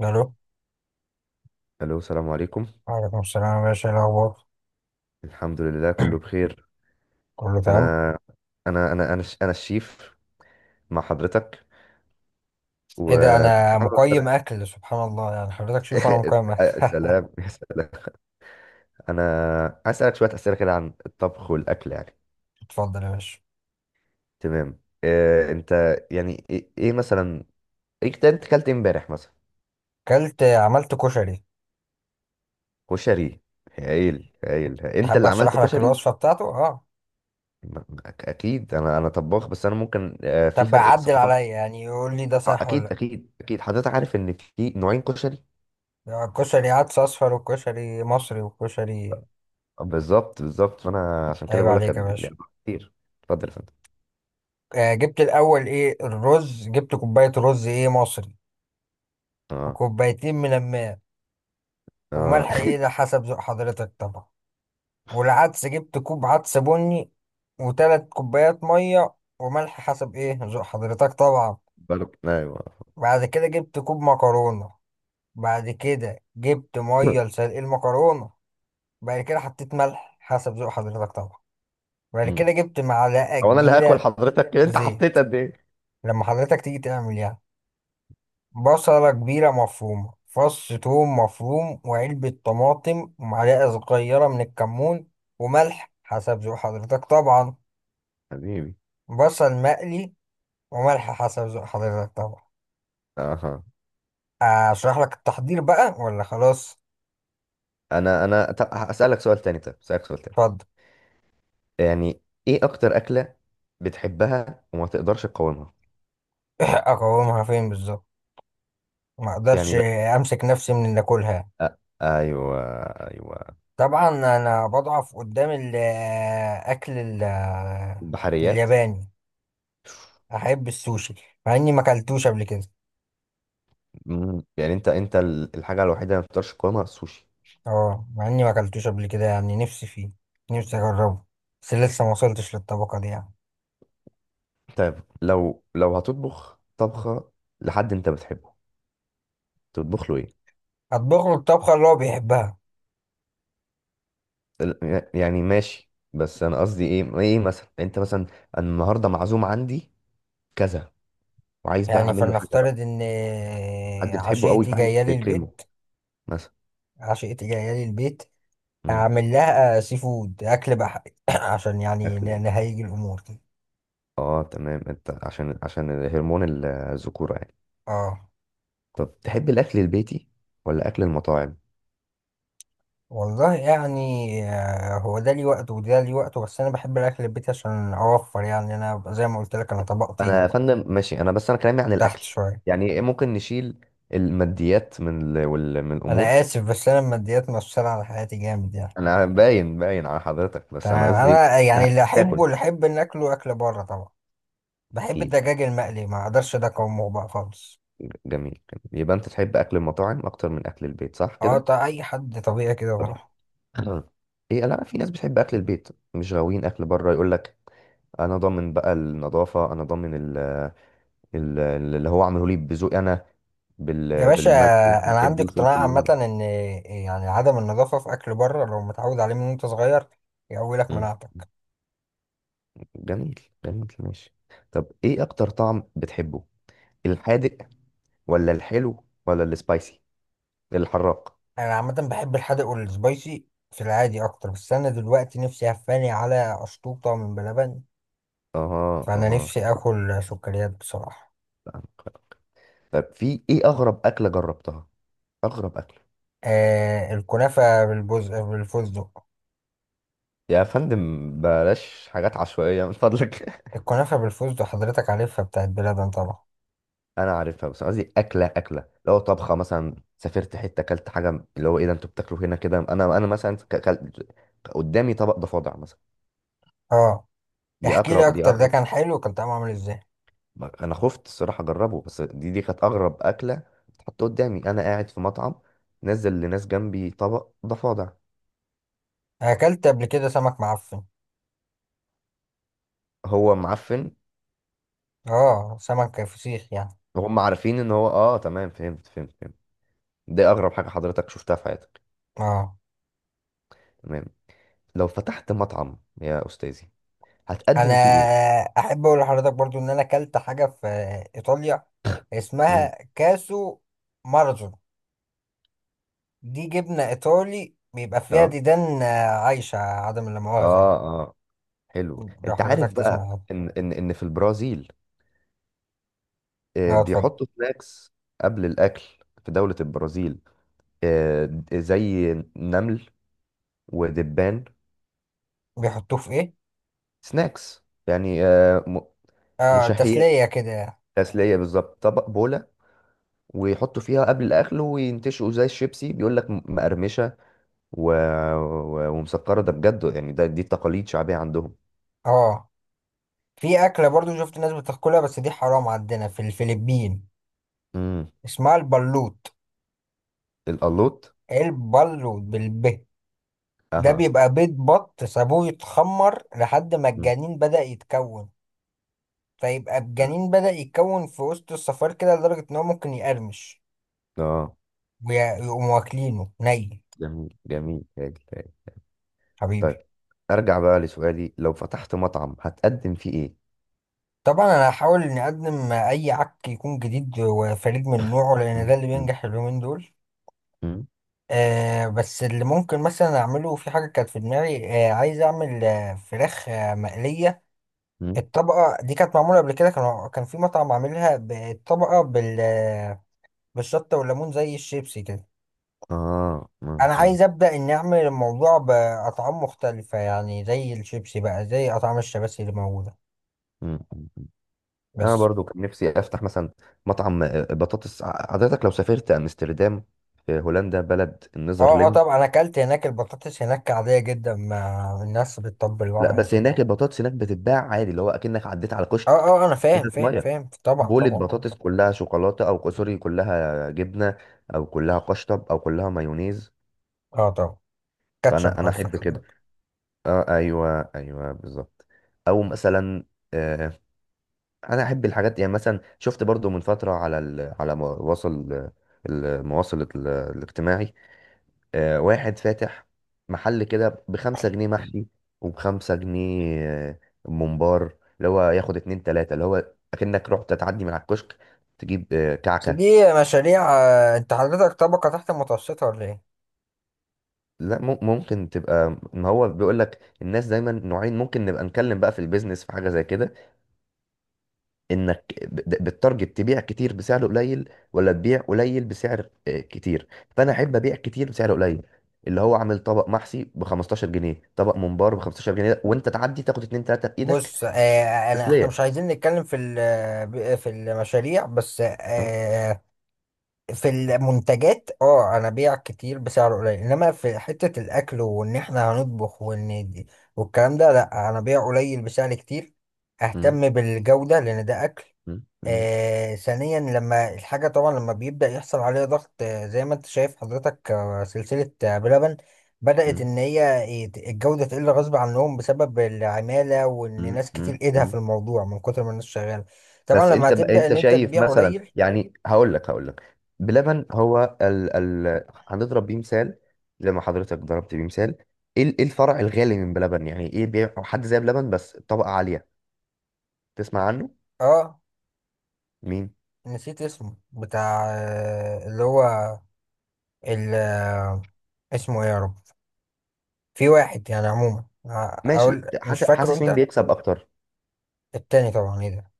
الو. الو، السلام عليكم. وعليكم السلام يا باشا، إيه الاخبار؟ الحمد لله كله بخير. كله تمام. انا انا الشيف مع حضرتك، ايه ده؟ وكنت انا حابب مقيم اسالك. اكل، سبحان الله، يعني حضرتك شوف انا مقيم اكل سلام يا سلام. انا عايز اسالك شويه اسئله كده عن الطبخ والاكل يعني. اتفضل يا باشا. تمام، إيه انت يعني، ايه، إيه مثلا؟ ايه، انت اكلت إيه امبارح مثلا؟ اكلت عملت كشري. كشري؟ هايل هايل، انت تحب اللي عملت اشرح لك كشري؟ الوصفه بتاعته؟ اه. اكيد، انا طباخ، بس انا ممكن، في طب فرق عدل ثقافات. عليا يعني يقول لي ده صح اكيد ولا؟ اكيد اكيد، حضرتك عارف ان في نوعين كشري. لا، كشري عدس اصفر وكشري مصري وكشري. بالظبط بالظبط، فانا عشان كده عيب بقول لك، عليك يا كان باشا. لعبة كتير. اتفضل يا فندم. جبت الاول ايه الرز، جبت كوبايه رز ايه مصري، اه وكوبايتين من الماء، اه. وملح ايه ده حسب ذوق حضرتك طبعا. والعدس جبت كوب عدس بني و3 كوبايات مية، وملح حسب ايه ذوق حضرتك طبعا. بالك، ايوه. بعد كده جبت كوب مكرونة. بعد كده جبت مية لسلق المكرونة. بعد كده حطيت ملح حسب ذوق حضرتك طبعا. بعد مم. كده جبت معلقة هو انا اللي هاكل؟ كبيرة حضرتك انت زيت. حطيت قد ايه؟ لما حضرتك تيجي تعمل يعني بصلة كبيرة مفرومة، فص ثوم مفروم، وعلبة طماطم، ومعلقة صغيرة من الكمون، وملح حسب ذوق حضرتك طبعا. حبيبي. بصل مقلي وملح حسب ذوق حضرتك طبعا. اها. اشرح لك التحضير بقى ولا خلاص؟ انا طب اسالك سؤال تاني. اتفضل. يعني، ايه اكتر اكله بتحبها وما تقدرش تقاومها؟ اقومها فين بالظبط؟ ما اقدرش يعني لا. امسك نفسي من اللي اكلها. أ... ايوه، ايوه. طبعا انا بضعف قدام الاكل. ال- البحريات. الياباني، احب السوشي مع اني ما اكلتوش قبل كده. مم. يعني انت، الحاجه الوحيده اللي ما تقدرش تقاومها السوشي؟ اه، مع اني ما اكلتوش قبل كده، يعني نفسي فيه، نفسي اجربه، بس لسه ما وصلتش للطبقه دي يعني. طيب، لو هتطبخ طبخه لحد انت بتحبه، تطبخ له ايه؟ اطبخ له الطبخه اللي هو بيحبها. يعني ماشي، بس انا قصدي ايه؟ ايه مثلا؟ انت مثلا أنا النهارده معزوم عندي كذا، وعايز بقى يعني اعمل له حاجه فلنفترض بقى، ان حد بتحبه قوي عشيقتي فعايز جايه لي تكرمه البيت، مثلا. عشقتي جاية لي البيت، مم. هعمل لها سي فود، أكل بحري، عشان يعني اكل بقى. نهيج الأمور. اه تمام، انت عشان هرمون الذكوره يعني. اه. طب، تحب الاكل البيتي ولا اكل المطاعم؟ والله يعني، هو ده لي وقته وده لي وقته، بس أنا بحب الأكل البيت عشان أوفر يعني، أنا زي ما قلت لك أنا انا طبقتي يا فندم ماشي، انا بس انا كلامي عن تحت الاكل. شوية. يعني إيه، ممكن نشيل الماديات من الامور. أنا آسف بس أنا الماديات مؤثرة على حياتي جامد يعني. انا باين باين على حضرتك، بس انا تمام، قصدي إيه؟ أنا يعني لا، اللي هتاكل. أحبه، اللي أحب إن أكله أكل بره طبعا. بحب اكيد. الدجاج المقلي، ما أقدرش ده، أقاومه بقى خالص. جميل جميل، يبقى انت تحب اكل المطاعم اكتر من اكل البيت، صح اه كده؟ طيب أي حد طبيعي كده طب، بروح. ايه، لا، في ناس بتحب اكل البيت، مش غاويين اكل بره. يقول لك، انا ضامن بقى النظافه، انا ضامن اللي هو عامله لي بذوقي انا، يا باشا، بالملح اللي انا انا عندي بحبه والفلفل اقتناع اللي انا عامه بحبه. ان يعني عدم النظافه في اكل بره، لو متعود عليه من وانت صغير يقوي لك مم. مناعتك. جميل جميل، ماشي. طب، ايه اكتر طعم بتحبه، الحادق ولا الحلو ولا السبايسي، الحراق؟ انا عامه بحب الحادق والسبايسي في العادي اكتر، بس انا دلوقتي نفسي هفاني على اشطوطه من بلبن، اها فانا اها، نفسي فاهمك، اكل سكريات بصراحه. فاهمك. طب، في ايه اغرب اكله جربتها، اغرب اكله؟ الكنافه بالفستق. يا فندم، بلاش حاجات عشوائية من فضلك. الكنافه بالفستق حضرتك عارفها بتاعت بلبن طبعا. أنا عارفها، بس أنا قصدي أكلة، أكلة لو طبخة مثلا، سافرت حتة أكلت حاجة اللي هو إيه ده، أنتوا بتاكلوا هنا كده؟ أنا مثلا، قدامي طبق ضفادع مثلا. اه، احكي لي دي اكتر، ده أغرب. كان حلو؟ كان طعمه عامل ازاي؟ أنا خفت الصراحة أجربه، بس دي كانت أغرب أكلة اتحط قدامي. أنا قاعد في مطعم، نزل لناس جنبي طبق ضفادع، اكلت قبل كده سمك معفن، هو معفن اه سمك فسيخ يعني. وهم عارفين إن هو. تمام، فهمت فهمت فهمت. دي أغرب حاجة حضرتك شفتها في حياتك؟ اه، تمام. لو فتحت مطعم يا أستاذي، انا هتقدم فيه ايه؟ احب اقول لحضرتك برضو ان انا اكلت حاجه في ايطاليا، امم اسمها كاسو مارزو، دي جبنه ايطالي بيبقى فيها اه ديدان عايشه، عدم لا مؤاخذه اه يعني، اه، حلو. لو انت حضرتك عارف تسمع بقى عنه. ان في البرازيل، اه، اتفضل. بيحطوا سناكس قبل الاكل، في دولة البرازيل، زي نمل ودبان. بيحطوه في ايه؟ سناكس يعني، اه، مشهيات، تسليه كده يعني. تسلية بالظبط، طبق بولة، ويحطوا فيها قبل الاكل وينتشوا زي الشيبسي. بيقول لك، مقرمشة و... ومسكرة، ده بجد يعني، دي تقاليد شعبية عندهم. اه، في اكله برضو شفت ناس بتاكلها، بس دي حرام عندنا في الفلبين، امم اسمها البلوت. القلوط. البلوت ده اها. بيبقى بيض بط سابوه يتخمر لحد ما مم. الجنين بدأ يتكون، فيبقى الجنين بدأ يتكون في وسط الصفار كده لدرجة إن هو ممكن يقرمش، اه، ويقوموا واكلينه ني. جميل جميل، هادي هادي. طيب، حبيبي. ارجع بقى لسؤالي، لو فتحت مطعم هتقدم فيه ايه؟ طبعا أنا هحاول إني أقدم أي عك يكون جديد وفريد من نوعه، لأن ده مم، اللي مم، بينجح اليومين دول. مم، بس اللي ممكن مثلا أعمله في حاجة كانت في دماغي، عايز أعمل فراخ مقلية. مم. الطبقة دي كانت معمولة قبل كده، كان في مطعم عاملها بالطبقة بالشطة والليمون زي الشيبسي كده. اه، مم، انا عايز ابدا اني اعمل الموضوع باطعام مختلفه، يعني زي الشيبسي بقى، زي اطعام الشباسي اللي موجوده مم، مم، مم. انا بس. برضو كان نفسي افتح مثلا مطعم، بطاطس. حضرتك لو سافرت امستردام، في هولندا، بلد اه اه النيذرلند. طبعا انا اكلت هناك، البطاطس هناك عاديه جدا، ما الناس لا بتطبلوها يعني. بس هناك، البطاطس هناك بتتباع عادي، اللي هو اكنك عديت على كشك، اه اه انا فاهم ازازه فاهم ميه، فاهم طبعا بولة طبعا. بطاطس كلها شوكولاته، او سوري كلها جبنه، او كلها قشطب، او كلها مايونيز. اه طبعا. كاتشب فانا قصدك احب كده. حضرتك؟ اه، ايوه ايوه، بالظبط. او مثلا، آه انا احب الحاجات يعني. مثلا شفت برضو من فتره على مواصل، المواصل، الاجتماعي. واحد فاتح محل كده ب5 جنيه محشي، وب5 جنيه، ممبار، اللي هو ياخد اتنين تلاتة، اللي هو اكنك رحت تعدي من على الكشك، تجيب بس كعكه. دي مشاريع، انت حضرتك طبقه تحت المتوسطه ولا ايه؟ لا، ممكن تبقى. ما هو بيقول لك، الناس دايما نوعين. ممكن نبقى نتكلم بقى في البيزنس، في حاجه زي كده، انك بالتارجت تبيع كتير بسعر قليل، ولا تبيع قليل بسعر، كتير. فانا احب ابيع كتير بسعر قليل، اللي هو عامل طبق محشي ب 15 جنيه، طبق ممبار ب 15 جنيه، وانت تعدي تاخد اتنين تلاته بايدك، بص احنا مش تسليه. عايزين نتكلم في في المشاريع بس ها؟ في المنتجات. اه، انا بيع كتير بسعر قليل، انما في حتة الاكل وان احنا هنطبخ وان دي والكلام ده، لا، انا بيع قليل بسعر كتير، مم، اهتم بالجودة لان ده اكل. مم، مم، آه، ثانيا لما الحاجة، طبعا لما بيبدأ يحصل عليها ضغط، زي ما انت شايف حضرتك، سلسلة بلبن بدأت مم، ان هي الجودة تقل غصب عنهم بسبب العمالة، وان مم، ناس كتير مم، ايدها في مم. الموضوع من كتر ما الناس شغالة. طبعا بس لما انت بقى، هتبدأ انت ان انت شايف تبيع مثلا قليل. يعني. هقول لك بلبن، هو ال هنضرب بيه مثال، زي ما حضرتك ضربت بيه مثال. ايه إيه الفرع الغالي من بلبن؟ يعني، ايه بيع حد زي بلبن بس طبقة عالية؟ تسمع عنه؟ اه، مين؟ نسيت اسمه بتاع اللي هو ال اسمه ايه يا رب؟ في واحد يعني عموما ماشي، اقول مش حاسس فاكره حاسس مين انت. بيكسب اكتر. التاني طبعا، ايه ده؟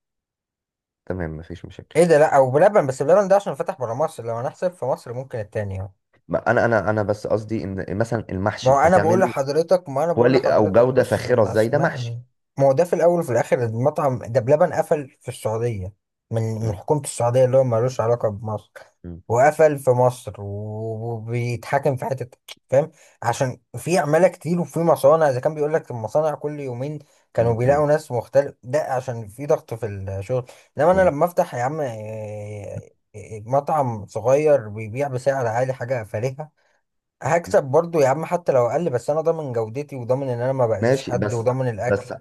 تمام، مفيش مشاكل. ايه ده؟ لا، او بلبن، بس بلبن ده عشان فتح برا مصر، لو هنحسب في مصر ممكن التاني يعني. ما انا بس قصدي ان مثلا ما المحشي هو انا بقول هتعمله لحضرتك، ما انا بقول كوالي او لحضرتك جودة بص، فاخرة ما ازاي؟ ده محشي. اسمعني، ما هو ده في الاول وفي الاخر المطعم ده بلبن قفل في السعوديه، من من مم. حكومه السعوديه اللي هو ملوش علاقه بمصر، مم. وقفل في مصر و- وبيتحاكم في حته، فاهم؟ عشان في عماله كتير وفي مصانع، اذا كان بيقول لك المصانع كل يومين كانوا مم. مم. بيلاقوا ناس مختلف، ده عشان في ضغط في الشغل. انما انا مم. لما افتح يا عم إيه، إيه، مطعم صغير بيبيع بسعر عالي حاجه فارهه، هكسب برضو يا عم حتى لو اقل، بس انا ضامن جودتي وضامن ان انا ما باذيش ماشي، حد بس وضامن الاكل. بس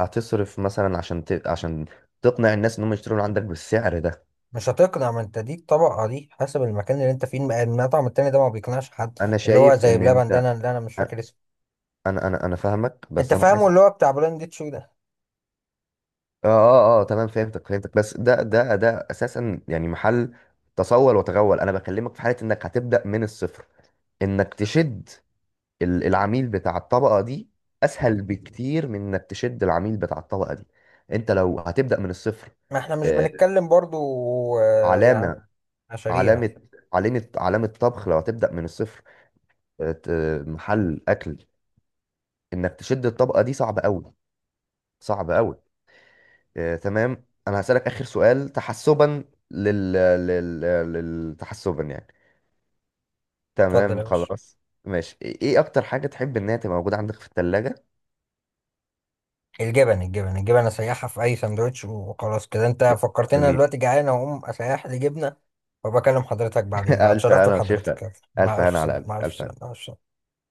هتصرف مثلا عشان تقنع الناس ان هم يشتروا من عندك بالسعر ده. مش هتقنع، ما انت دي الطبقه، دي حسب المكان اللي انت فيه، المطعم التاني ده ما بيقنعش حد، انا اللي هو شايف زي ان بلبن ده، انا انت. اللي انا مش فاكر اسمه. انا فاهمك انت بس انا فاهمه حاسس. اللي هو بتاع بلاند شو ده. اه اه اه، تمام، فهمتك فهمتك، بس ده اساسا يعني محل تصول وتغول. انا بكلمك في حاله انك هتبدا من الصفر، انك تشد العميل بتاع الطبقه دي اسهل بكتير من انك تشد العميل بتاع الطبقه دي، انت لو هتبدا من الصفر. ما احنا مش آه، بنتكلم برضو يعني علامه مشاريع. علامه علامه طبخ، لو هتبدا من الصفر، آه، ت- محل اكل، انك تشد الطبقه دي صعب قوي، صعب قوي. تمام. انا هسألك اخر سؤال تحسبا لل... لل... لل... تحسبا يعني. اتفضل تمام، يا باشا. خلاص. ماشي، ايه، إيه اكتر حاجة تحب انها تبقى موجودة عندك في الثلاجة؟ الجبن الجبن الجبن اسيحها في اي سندوتش وخلاص كده، انت فكرتني، انا جميل. دلوقتي جعان اقوم اسيح لي جبنه وبكلم حضرتك بعدين بقى، الف اتشرفت هنا بحضرتك، وشفا، يلا. الف مع الف هنا على سلامه، قلبك، مع الف الف سلامه، هنا. مع الف سلامه.